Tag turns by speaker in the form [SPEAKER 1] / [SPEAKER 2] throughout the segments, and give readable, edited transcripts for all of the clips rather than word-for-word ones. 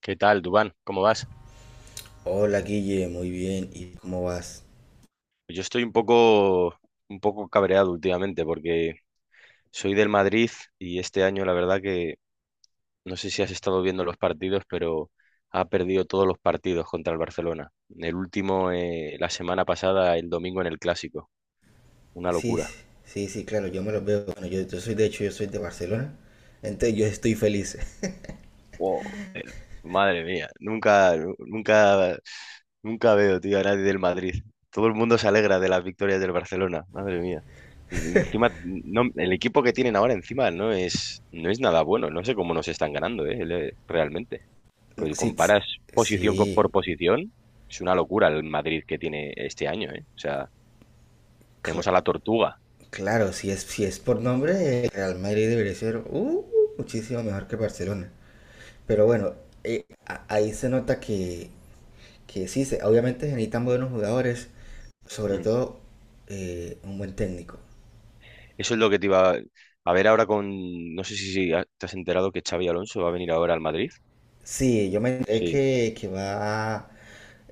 [SPEAKER 1] ¿Qué tal, Dubán? ¿Cómo vas?
[SPEAKER 2] Hola Guille, muy bien. ¿Y cómo vas?
[SPEAKER 1] Yo estoy un poco cabreado últimamente porque soy del Madrid y este año la verdad que no sé si has estado viendo los partidos, pero ha perdido todos los partidos contra el Barcelona. El último, la semana pasada, el domingo en el Clásico. Una
[SPEAKER 2] Sí, sí,
[SPEAKER 1] locura.
[SPEAKER 2] sí, sí, claro, yo me los veo. Bueno, yo soy, de hecho, yo soy de Barcelona. Entonces yo estoy feliz.
[SPEAKER 1] Wow, madre mía, nunca, nu- nunca, nunca veo, tío, a nadie del Madrid. Todo el mundo se alegra de las victorias del Barcelona, madre mía. Encima, no, el equipo que tienen ahora encima no es nada bueno. No sé cómo nos están ganando, realmente. Pues
[SPEAKER 2] Sí, sí,
[SPEAKER 1] comparas
[SPEAKER 2] sí,
[SPEAKER 1] por posición, es una locura el Madrid que tiene este año, eh. O sea,
[SPEAKER 2] cl-
[SPEAKER 1] tenemos a la Tortuga.
[SPEAKER 2] claro, si es por nombre, el Real Madrid debería ser muchísimo mejor que Barcelona. Pero bueno, ahí se nota que sí, obviamente se necesitan buenos jugadores, sobre
[SPEAKER 1] Mm.
[SPEAKER 2] todo un buen técnico.
[SPEAKER 1] Eso es lo que te iba a ver ahora con... No sé si te has enterado que Xavi Alonso va a venir ahora al Madrid.
[SPEAKER 2] Sí, yo me enteré
[SPEAKER 1] Sí.
[SPEAKER 2] que va,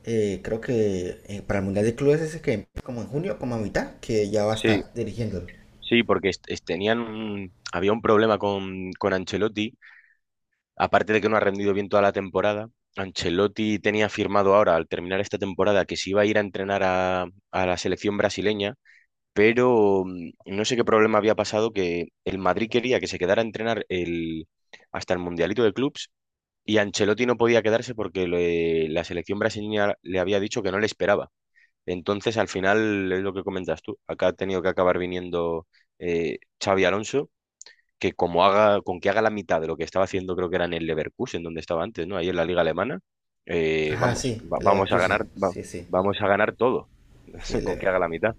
[SPEAKER 2] creo que para el Mundial de Clubes ese que empieza como en junio, como a mitad, que ya va a
[SPEAKER 1] Sí,
[SPEAKER 2] estar dirigiéndolo.
[SPEAKER 1] sí, porque había un problema con Ancelotti, aparte de que no ha rendido bien toda la temporada. Ancelotti tenía firmado ahora, al terminar esta temporada, que se iba a ir a entrenar a la selección brasileña, pero no sé qué problema había pasado, que el Madrid quería que se quedara a entrenar el, hasta el Mundialito de Clubs, y Ancelotti no podía quedarse porque la selección brasileña le había dicho que no le esperaba. Entonces, al final, es lo que comentas tú, acá ha tenido que acabar viniendo Xavi Alonso, que como haga, con que haga la mitad de lo que estaba haciendo, creo que era en el Leverkusen, donde estaba antes, ¿no? Ahí en la liga alemana,
[SPEAKER 2] Ajá,
[SPEAKER 1] vamos,
[SPEAKER 2] sí, el
[SPEAKER 1] vamos a
[SPEAKER 2] Leverkusen,
[SPEAKER 1] ganar,
[SPEAKER 2] sí, sí,
[SPEAKER 1] vamos a ganar todo,
[SPEAKER 2] sí, el,
[SPEAKER 1] con
[SPEAKER 2] el
[SPEAKER 1] que haga la mitad.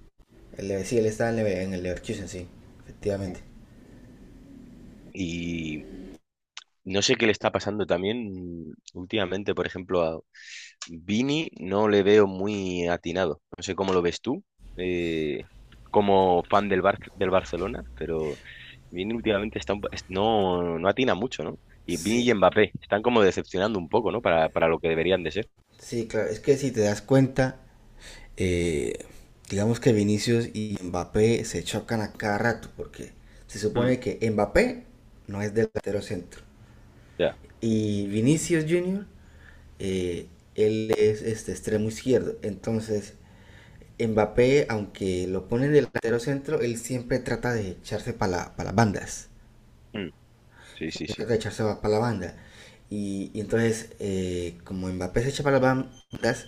[SPEAKER 2] Sí, él está en, en el Leverkusen, sí, efectivamente.
[SPEAKER 1] Y no sé qué le está pasando también últimamente. Por ejemplo, Vini no le veo muy atinado. No sé cómo lo ves tú, eh, como fan del Barcelona, pero Vini últimamente está no, no atina mucho, ¿no? Y Vini
[SPEAKER 2] Sí,
[SPEAKER 1] y Mbappé están como decepcionando un poco, ¿no? Para lo que deberían de ser.
[SPEAKER 2] sí, claro, es que si te das cuenta, eh, digamos que Vinicius y Mbappé se chocan a cada rato, porque se
[SPEAKER 1] Mm,
[SPEAKER 2] supone que Mbappé no es delantero centro
[SPEAKER 1] ya.
[SPEAKER 2] y Vinicius Jr. eh, él es este extremo izquierdo. Entonces, Mbappé, aunque lo pone en el delantero centro, él siempre trata de echarse para la, pa las bandas.
[SPEAKER 1] Mm, sí, sí,
[SPEAKER 2] Él trata
[SPEAKER 1] sí.
[SPEAKER 2] de echarse para la banda. Y entonces, como Mbappé se echa para las bandas,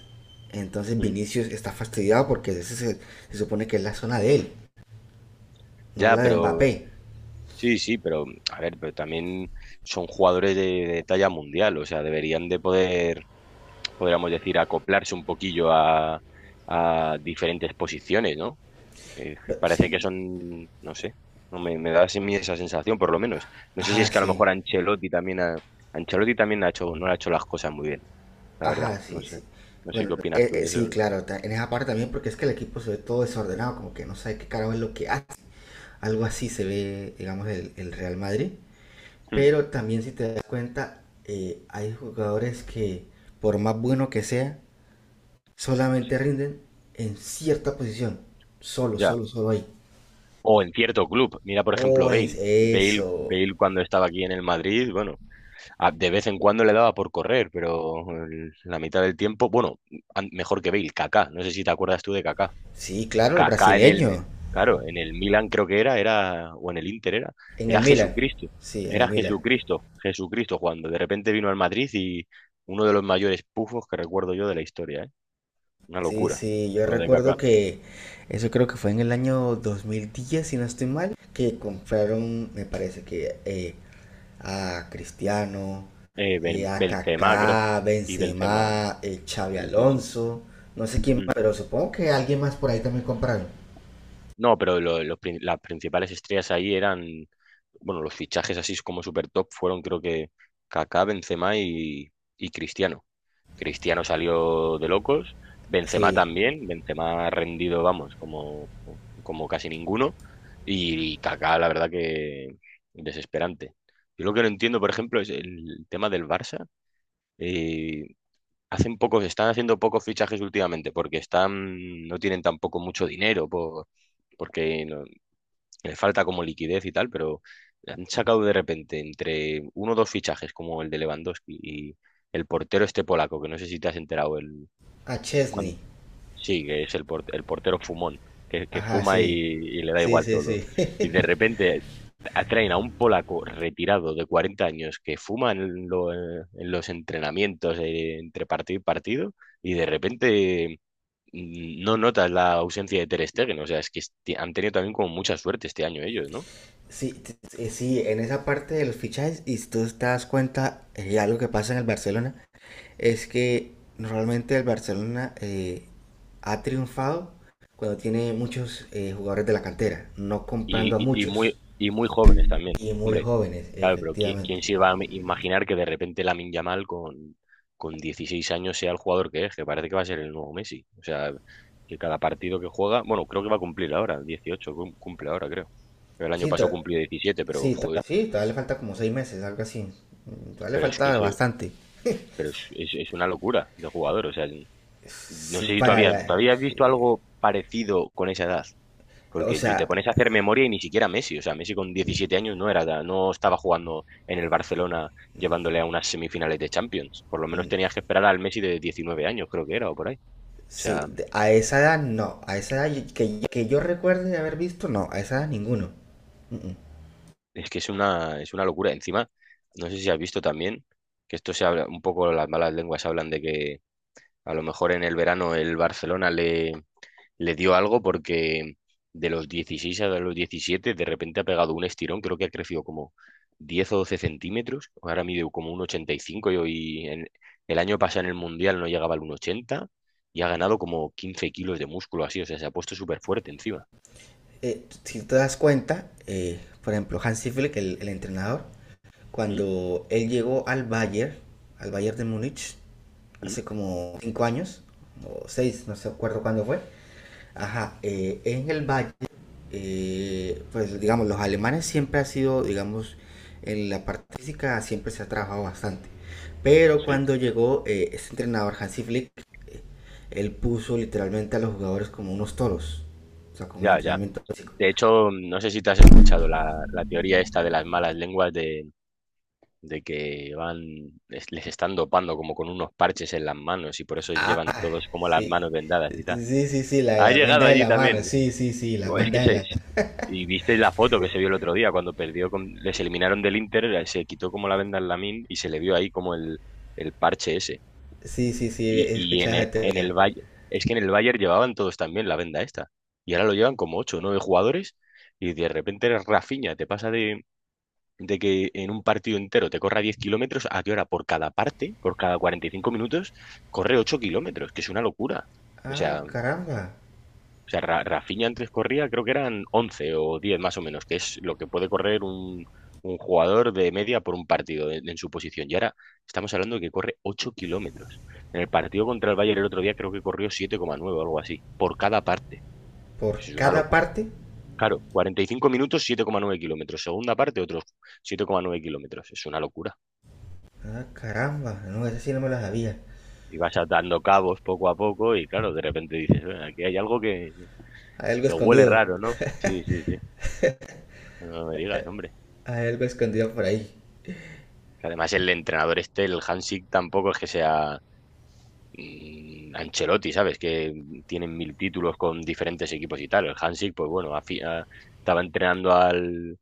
[SPEAKER 2] entonces
[SPEAKER 1] Mm.
[SPEAKER 2] Vinicius está fastidiado porque ese se, se supone que es la zona de él, no
[SPEAKER 1] Ya,
[SPEAKER 2] la de
[SPEAKER 1] pero
[SPEAKER 2] Mbappé.
[SPEAKER 1] sí, sí, pero a ver, pero también son jugadores de talla mundial. O sea, deberían de poder, podríamos decir, acoplarse un poquillo a diferentes posiciones, ¿no? Que parece que
[SPEAKER 2] Sí,
[SPEAKER 1] son, no sé, no me, me da así mi esa sensación, por lo menos. No sé si es
[SPEAKER 2] ajá,
[SPEAKER 1] que a lo
[SPEAKER 2] sí,
[SPEAKER 1] mejor Ancelotti también ha hecho, no ha hecho las cosas muy bien, la verdad.
[SPEAKER 2] ajá,
[SPEAKER 1] No
[SPEAKER 2] sí,
[SPEAKER 1] sé,
[SPEAKER 2] sí.
[SPEAKER 1] no sé
[SPEAKER 2] Bueno,
[SPEAKER 1] qué opinas tú de eso.
[SPEAKER 2] sí, claro, en esa parte también porque es que el equipo se ve todo desordenado, como que no sabe qué carajo es lo que hace. Algo así se ve, digamos, el Real Madrid.
[SPEAKER 1] Hmm,
[SPEAKER 2] Pero también si te das cuenta, hay jugadores que, por más bueno que sea, solamente rinden en cierta posición. Solo,
[SPEAKER 1] ya.
[SPEAKER 2] solo, solo ahí.
[SPEAKER 1] O en cierto club, mira por
[SPEAKER 2] Oh,
[SPEAKER 1] ejemplo
[SPEAKER 2] es
[SPEAKER 1] Bale. Bale,
[SPEAKER 2] eso.
[SPEAKER 1] Bale cuando estaba aquí en el Madrid, bueno, de vez en cuando le daba por correr, pero la mitad del tiempo, bueno, mejor que Bale, Kaká. No sé si te acuerdas tú de Kaká.
[SPEAKER 2] Sí, claro, el
[SPEAKER 1] Kaká en el,
[SPEAKER 2] brasileño.
[SPEAKER 1] claro, en el Milan creo que o en el Inter, era,
[SPEAKER 2] En
[SPEAKER 1] era
[SPEAKER 2] el Milan.
[SPEAKER 1] Jesucristo,
[SPEAKER 2] Sí, en
[SPEAKER 1] era
[SPEAKER 2] el Milan.
[SPEAKER 1] Jesucristo, Jesucristo jugando. De repente vino al Madrid y uno de los mayores pufos que recuerdo yo de la historia, ¿eh? Una
[SPEAKER 2] Sí,
[SPEAKER 1] locura,
[SPEAKER 2] sí, yo
[SPEAKER 1] lo de
[SPEAKER 2] recuerdo
[SPEAKER 1] Kaká.
[SPEAKER 2] que eso creo que fue en el año 2010, si no estoy mal, que compraron, me parece que a Cristiano, a
[SPEAKER 1] Benzema, creo,
[SPEAKER 2] Kaká,
[SPEAKER 1] y Benzema,
[SPEAKER 2] Benzema, Xavi
[SPEAKER 1] sí, sí, sí.
[SPEAKER 2] Alonso, no sé quién
[SPEAKER 1] Mm.
[SPEAKER 2] más, pero supongo que alguien más por ahí también compraron.
[SPEAKER 1] No, pero las principales estrellas ahí eran, bueno, los fichajes así como super top fueron creo que Kaká, Benzema y Cristiano. Cristiano salió de locos, Benzema
[SPEAKER 2] Sí,
[SPEAKER 1] también, Benzema ha rendido, vamos, como, como casi ninguno, y Kaká, la verdad, que desesperante. Yo lo que no entiendo, por ejemplo, es el tema del Barça. Eh, están haciendo pocos fichajes últimamente, porque no tienen tampoco mucho dinero, por, porque no- les falta como liquidez y tal, pero han sacado de repente entre uno o dos fichajes, como el de Lewandowski y el portero este polaco, que no sé si te has enterado,
[SPEAKER 2] a
[SPEAKER 1] cuando
[SPEAKER 2] Chesney,
[SPEAKER 1] sí, que es el, el portero fumón, que
[SPEAKER 2] ajá,
[SPEAKER 1] fuma y,
[SPEAKER 2] sí,
[SPEAKER 1] y le da
[SPEAKER 2] sí,
[SPEAKER 1] igual
[SPEAKER 2] sí,
[SPEAKER 1] todo.
[SPEAKER 2] sí.
[SPEAKER 1] Y de repente atraen a un polaco retirado de 40 años que fuma en, en los entrenamientos, entre partido y partido, y de repente, no notas la ausencia de Ter Stegen. O sea, es que han tenido también como mucha suerte este año ellos, ¿no?
[SPEAKER 2] Sí, sí, en esa parte de los fichajes, y si tú te das cuenta, algo que pasa en el Barcelona, es que normalmente el Barcelona ha triunfado cuando tiene muchos jugadores de la cantera, no
[SPEAKER 1] Y,
[SPEAKER 2] comprando a
[SPEAKER 1] y, y muy,
[SPEAKER 2] muchos
[SPEAKER 1] y muy jóvenes también.
[SPEAKER 2] y muy
[SPEAKER 1] Hombre,
[SPEAKER 2] jóvenes,
[SPEAKER 1] claro, pero
[SPEAKER 2] efectivamente.
[SPEAKER 1] ¿quién se iba a imaginar que de repente Lamine Yamal con 16 años sea el jugador que es? Que parece que va a ser el nuevo Messi. O sea, que cada partido que juega, bueno, creo que va a cumplir ahora 18, cumple ahora, creo. El año
[SPEAKER 2] Sí,
[SPEAKER 1] pasado cumplió 17, pero
[SPEAKER 2] sí,
[SPEAKER 1] joder,
[SPEAKER 2] sí, todavía le falta como 6 meses, algo así. Mm, todavía le
[SPEAKER 1] pero es que
[SPEAKER 2] falta
[SPEAKER 1] ese-
[SPEAKER 2] bastante.
[SPEAKER 1] pero es una locura de jugador. O sea, no
[SPEAKER 2] Sí,
[SPEAKER 1] sé si
[SPEAKER 2] para
[SPEAKER 1] ¿tú
[SPEAKER 2] la...
[SPEAKER 1] habías visto
[SPEAKER 2] sí.
[SPEAKER 1] algo parecido con esa edad?
[SPEAKER 2] O
[SPEAKER 1] Porque te
[SPEAKER 2] sea,
[SPEAKER 1] pones a hacer memoria y ni siquiera Messi. O sea, Messi con 17 años no era, no estaba jugando en el Barcelona llevándole a unas semifinales de Champions. Por lo menos tenías que esperar al Messi de 19 años, creo que era, o por ahí. O
[SPEAKER 2] sí,
[SPEAKER 1] sea,
[SPEAKER 2] a esa edad no. A esa edad que yo recuerde de haber visto, no. A esa edad ninguno.
[SPEAKER 1] es que es una locura. Encima, no sé si has visto también que esto se habla, un poco las malas lenguas hablan de que a lo mejor en el verano el Barcelona le dio algo, porque de los 16 a los 17 de repente ha pegado un estirón, creo que ha crecido como 10 o 12 centímetros, ahora mide como un ochenta y cinco, y el año pasado en el Mundial no llegaba al uno ochenta y ha ganado como 15 kilos de músculo así. O sea, se ha puesto súper fuerte encima.
[SPEAKER 2] Si te das cuenta, por ejemplo, Hansi Flick, el entrenador,
[SPEAKER 1] ¿Mm?
[SPEAKER 2] cuando él llegó al Bayern de Múnich,
[SPEAKER 1] ¿Mm?
[SPEAKER 2] hace como 5 años, o seis, no sé acuerdo cuándo fue. Ajá, en el Bayern pues digamos, los alemanes siempre ha sido, digamos, en la parte física siempre se ha trabajado bastante. Pero
[SPEAKER 1] Sí,
[SPEAKER 2] cuando llegó este entrenador Hansi Flick, él puso literalmente a los jugadores como unos toros, o sea, con el
[SPEAKER 1] ya, ya.
[SPEAKER 2] entrenamiento físico.
[SPEAKER 1] De hecho, no sé si te has escuchado la teoría esta de las malas lenguas de que van, les están dopando como con unos parches en las manos, y por eso llevan
[SPEAKER 2] Ah,
[SPEAKER 1] todos como las
[SPEAKER 2] sí.
[SPEAKER 1] manos vendadas y tal.
[SPEAKER 2] Sí, sí, sí, la de
[SPEAKER 1] Ha
[SPEAKER 2] las
[SPEAKER 1] llegado
[SPEAKER 2] vendas de
[SPEAKER 1] allí
[SPEAKER 2] la mano,
[SPEAKER 1] también.
[SPEAKER 2] sí, sí, sí, las
[SPEAKER 1] Digo, Es que
[SPEAKER 2] bandas de
[SPEAKER 1] se...
[SPEAKER 2] la...
[SPEAKER 1] se- y viste la foto que se vio el otro día cuando perdió con... Les eliminaron del Inter, se quitó como la venda al Lamine y se le vio ahí como el parche ese.
[SPEAKER 2] Sí, sí, sí, he escuchado esa
[SPEAKER 1] En
[SPEAKER 2] teoría.
[SPEAKER 1] el Bayern... Es que en el Bayern llevaban todos también la venda esta. Y ahora lo llevan como ocho o 9 jugadores, y de repente eres Rafinha. Te pasa de que en un partido entero te corra 10 kilómetros, a que ahora por cada parte, por cada 45 minutos, corre 8 kilómetros, que es una locura. O
[SPEAKER 2] Ah,
[SPEAKER 1] sea...
[SPEAKER 2] caramba,
[SPEAKER 1] O sea, Rafinha antes corría, creo que eran 11 o 10 más o menos, que es lo que puede correr un jugador de media por un partido en su posición. Y ahora estamos hablando de que corre 8 kilómetros. En el partido contra el Bayern el otro día creo que corrió 7,9 o algo así, por cada parte.
[SPEAKER 2] por
[SPEAKER 1] Eso es una
[SPEAKER 2] cada
[SPEAKER 1] locura.
[SPEAKER 2] parte.
[SPEAKER 1] Claro, 45 minutos, 7,9 km. Segunda parte, otros 7,9 km. Es una locura.
[SPEAKER 2] Ah, caramba, no, esa sí no me la sabía.
[SPEAKER 1] Y vas atando cabos poco a poco y claro, de repente dices: aquí hay algo que,
[SPEAKER 2] Hay algo
[SPEAKER 1] que huele
[SPEAKER 2] escondido.
[SPEAKER 1] raro, ¿no?" Sí, sí, sí. No me digas, hombre.
[SPEAKER 2] Hay algo escondido por ahí.
[SPEAKER 1] Que además, el entrenador este, el Hansik, tampoco es que sea, mm, Ancelotti, ¿sabes? Que tienen mil títulos con diferentes equipos y tal. El Hansik, pues bueno, estaba entrenando al,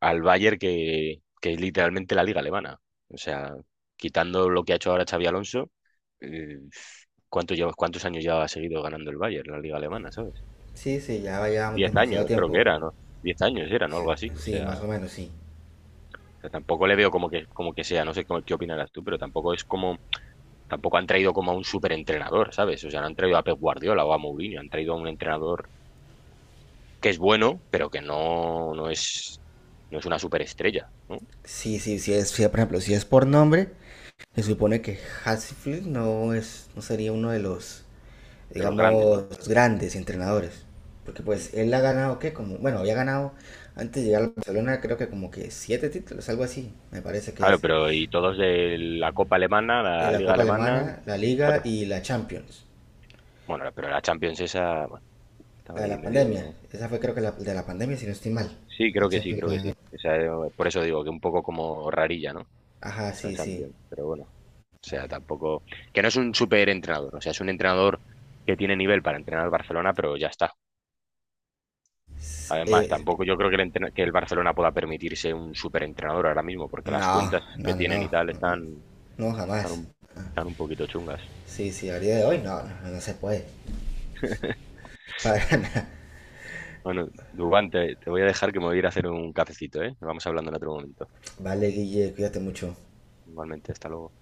[SPEAKER 1] al Bayern, que es literalmente la liga alemana. O sea, quitando lo que ha hecho ahora Xavi Alonso, eh, ¿cuántos años ya ha seguido ganando el Bayern la liga alemana, ¿sabes?
[SPEAKER 2] Sí, sí, ya llevamos
[SPEAKER 1] Diez
[SPEAKER 2] demasiado
[SPEAKER 1] años, creo que
[SPEAKER 2] tiempo.
[SPEAKER 1] era, ¿no? 10 años era, ¿no?
[SPEAKER 2] Sí,
[SPEAKER 1] Algo así.
[SPEAKER 2] sí, más o
[SPEAKER 1] O
[SPEAKER 2] menos, sí.
[SPEAKER 1] sea, tampoco le veo como que sea, no sé cómo, qué opinarás tú, pero tampoco es como, tampoco han traído como a un superentrenador, ¿sabes? O sea, no han traído a Pep Guardiola o a Mourinho, han traído a un entrenador que es bueno, pero que no, no es, no es una superestrella, ¿no?
[SPEAKER 2] Sí, sí, sí es, sí, por ejemplo, si es por nombre, se supone que Hasselhoff no es, no sería uno de los,
[SPEAKER 1] De los grandes,
[SPEAKER 2] digamos,
[SPEAKER 1] ¿no?
[SPEAKER 2] grandes entrenadores. Porque
[SPEAKER 1] Mm.
[SPEAKER 2] pues él ha ganado, ¿qué? Como, bueno, había ganado antes de llegar al Barcelona, creo que como que siete títulos, algo así, me parece que
[SPEAKER 1] Claro,
[SPEAKER 2] es.
[SPEAKER 1] pero y todos de la Copa Alemana,
[SPEAKER 2] De
[SPEAKER 1] la
[SPEAKER 2] la
[SPEAKER 1] Liga
[SPEAKER 2] Copa
[SPEAKER 1] Alemana,
[SPEAKER 2] Alemana, la Liga
[SPEAKER 1] claro.
[SPEAKER 2] y la Champions.
[SPEAKER 1] Bueno, pero la Champions esa, bueno, estaba
[SPEAKER 2] La de
[SPEAKER 1] ahí
[SPEAKER 2] la pandemia.
[SPEAKER 1] medio...
[SPEAKER 2] Esa fue creo que la de la pandemia, si no estoy mal.
[SPEAKER 1] Sí,
[SPEAKER 2] La
[SPEAKER 1] creo que sí,
[SPEAKER 2] Champions que
[SPEAKER 1] creo que
[SPEAKER 2] ganó.
[SPEAKER 1] sí. Esa, por eso digo que un poco como rarilla, ¿no?
[SPEAKER 2] Ajá,
[SPEAKER 1] Esa
[SPEAKER 2] sí, sí.
[SPEAKER 1] Champions, pero bueno. O sea, tampoco... Que no es un superentrenador. O sea, es un entrenador que tiene nivel para entrenar al Barcelona, pero ya está. Además,
[SPEAKER 2] Eh,
[SPEAKER 1] tampoco yo creo que que el Barcelona pueda permitirse un superentrenador ahora mismo, porque las
[SPEAKER 2] no,
[SPEAKER 1] cuentas que
[SPEAKER 2] no, no,
[SPEAKER 1] tienen y
[SPEAKER 2] no.
[SPEAKER 1] tal
[SPEAKER 2] No,
[SPEAKER 1] están,
[SPEAKER 2] jamás.
[SPEAKER 1] un, están un poquito chungas.
[SPEAKER 2] Sí, sí, a día de hoy no, no, no se puede. Para nada.
[SPEAKER 1] Bueno, Dubán, te voy a dejar que me voy a ir a hacer un cafecito, ¿eh? Vamos hablando en otro momento.
[SPEAKER 2] Vale, Guille, cuídate mucho.
[SPEAKER 1] Igualmente, hasta luego.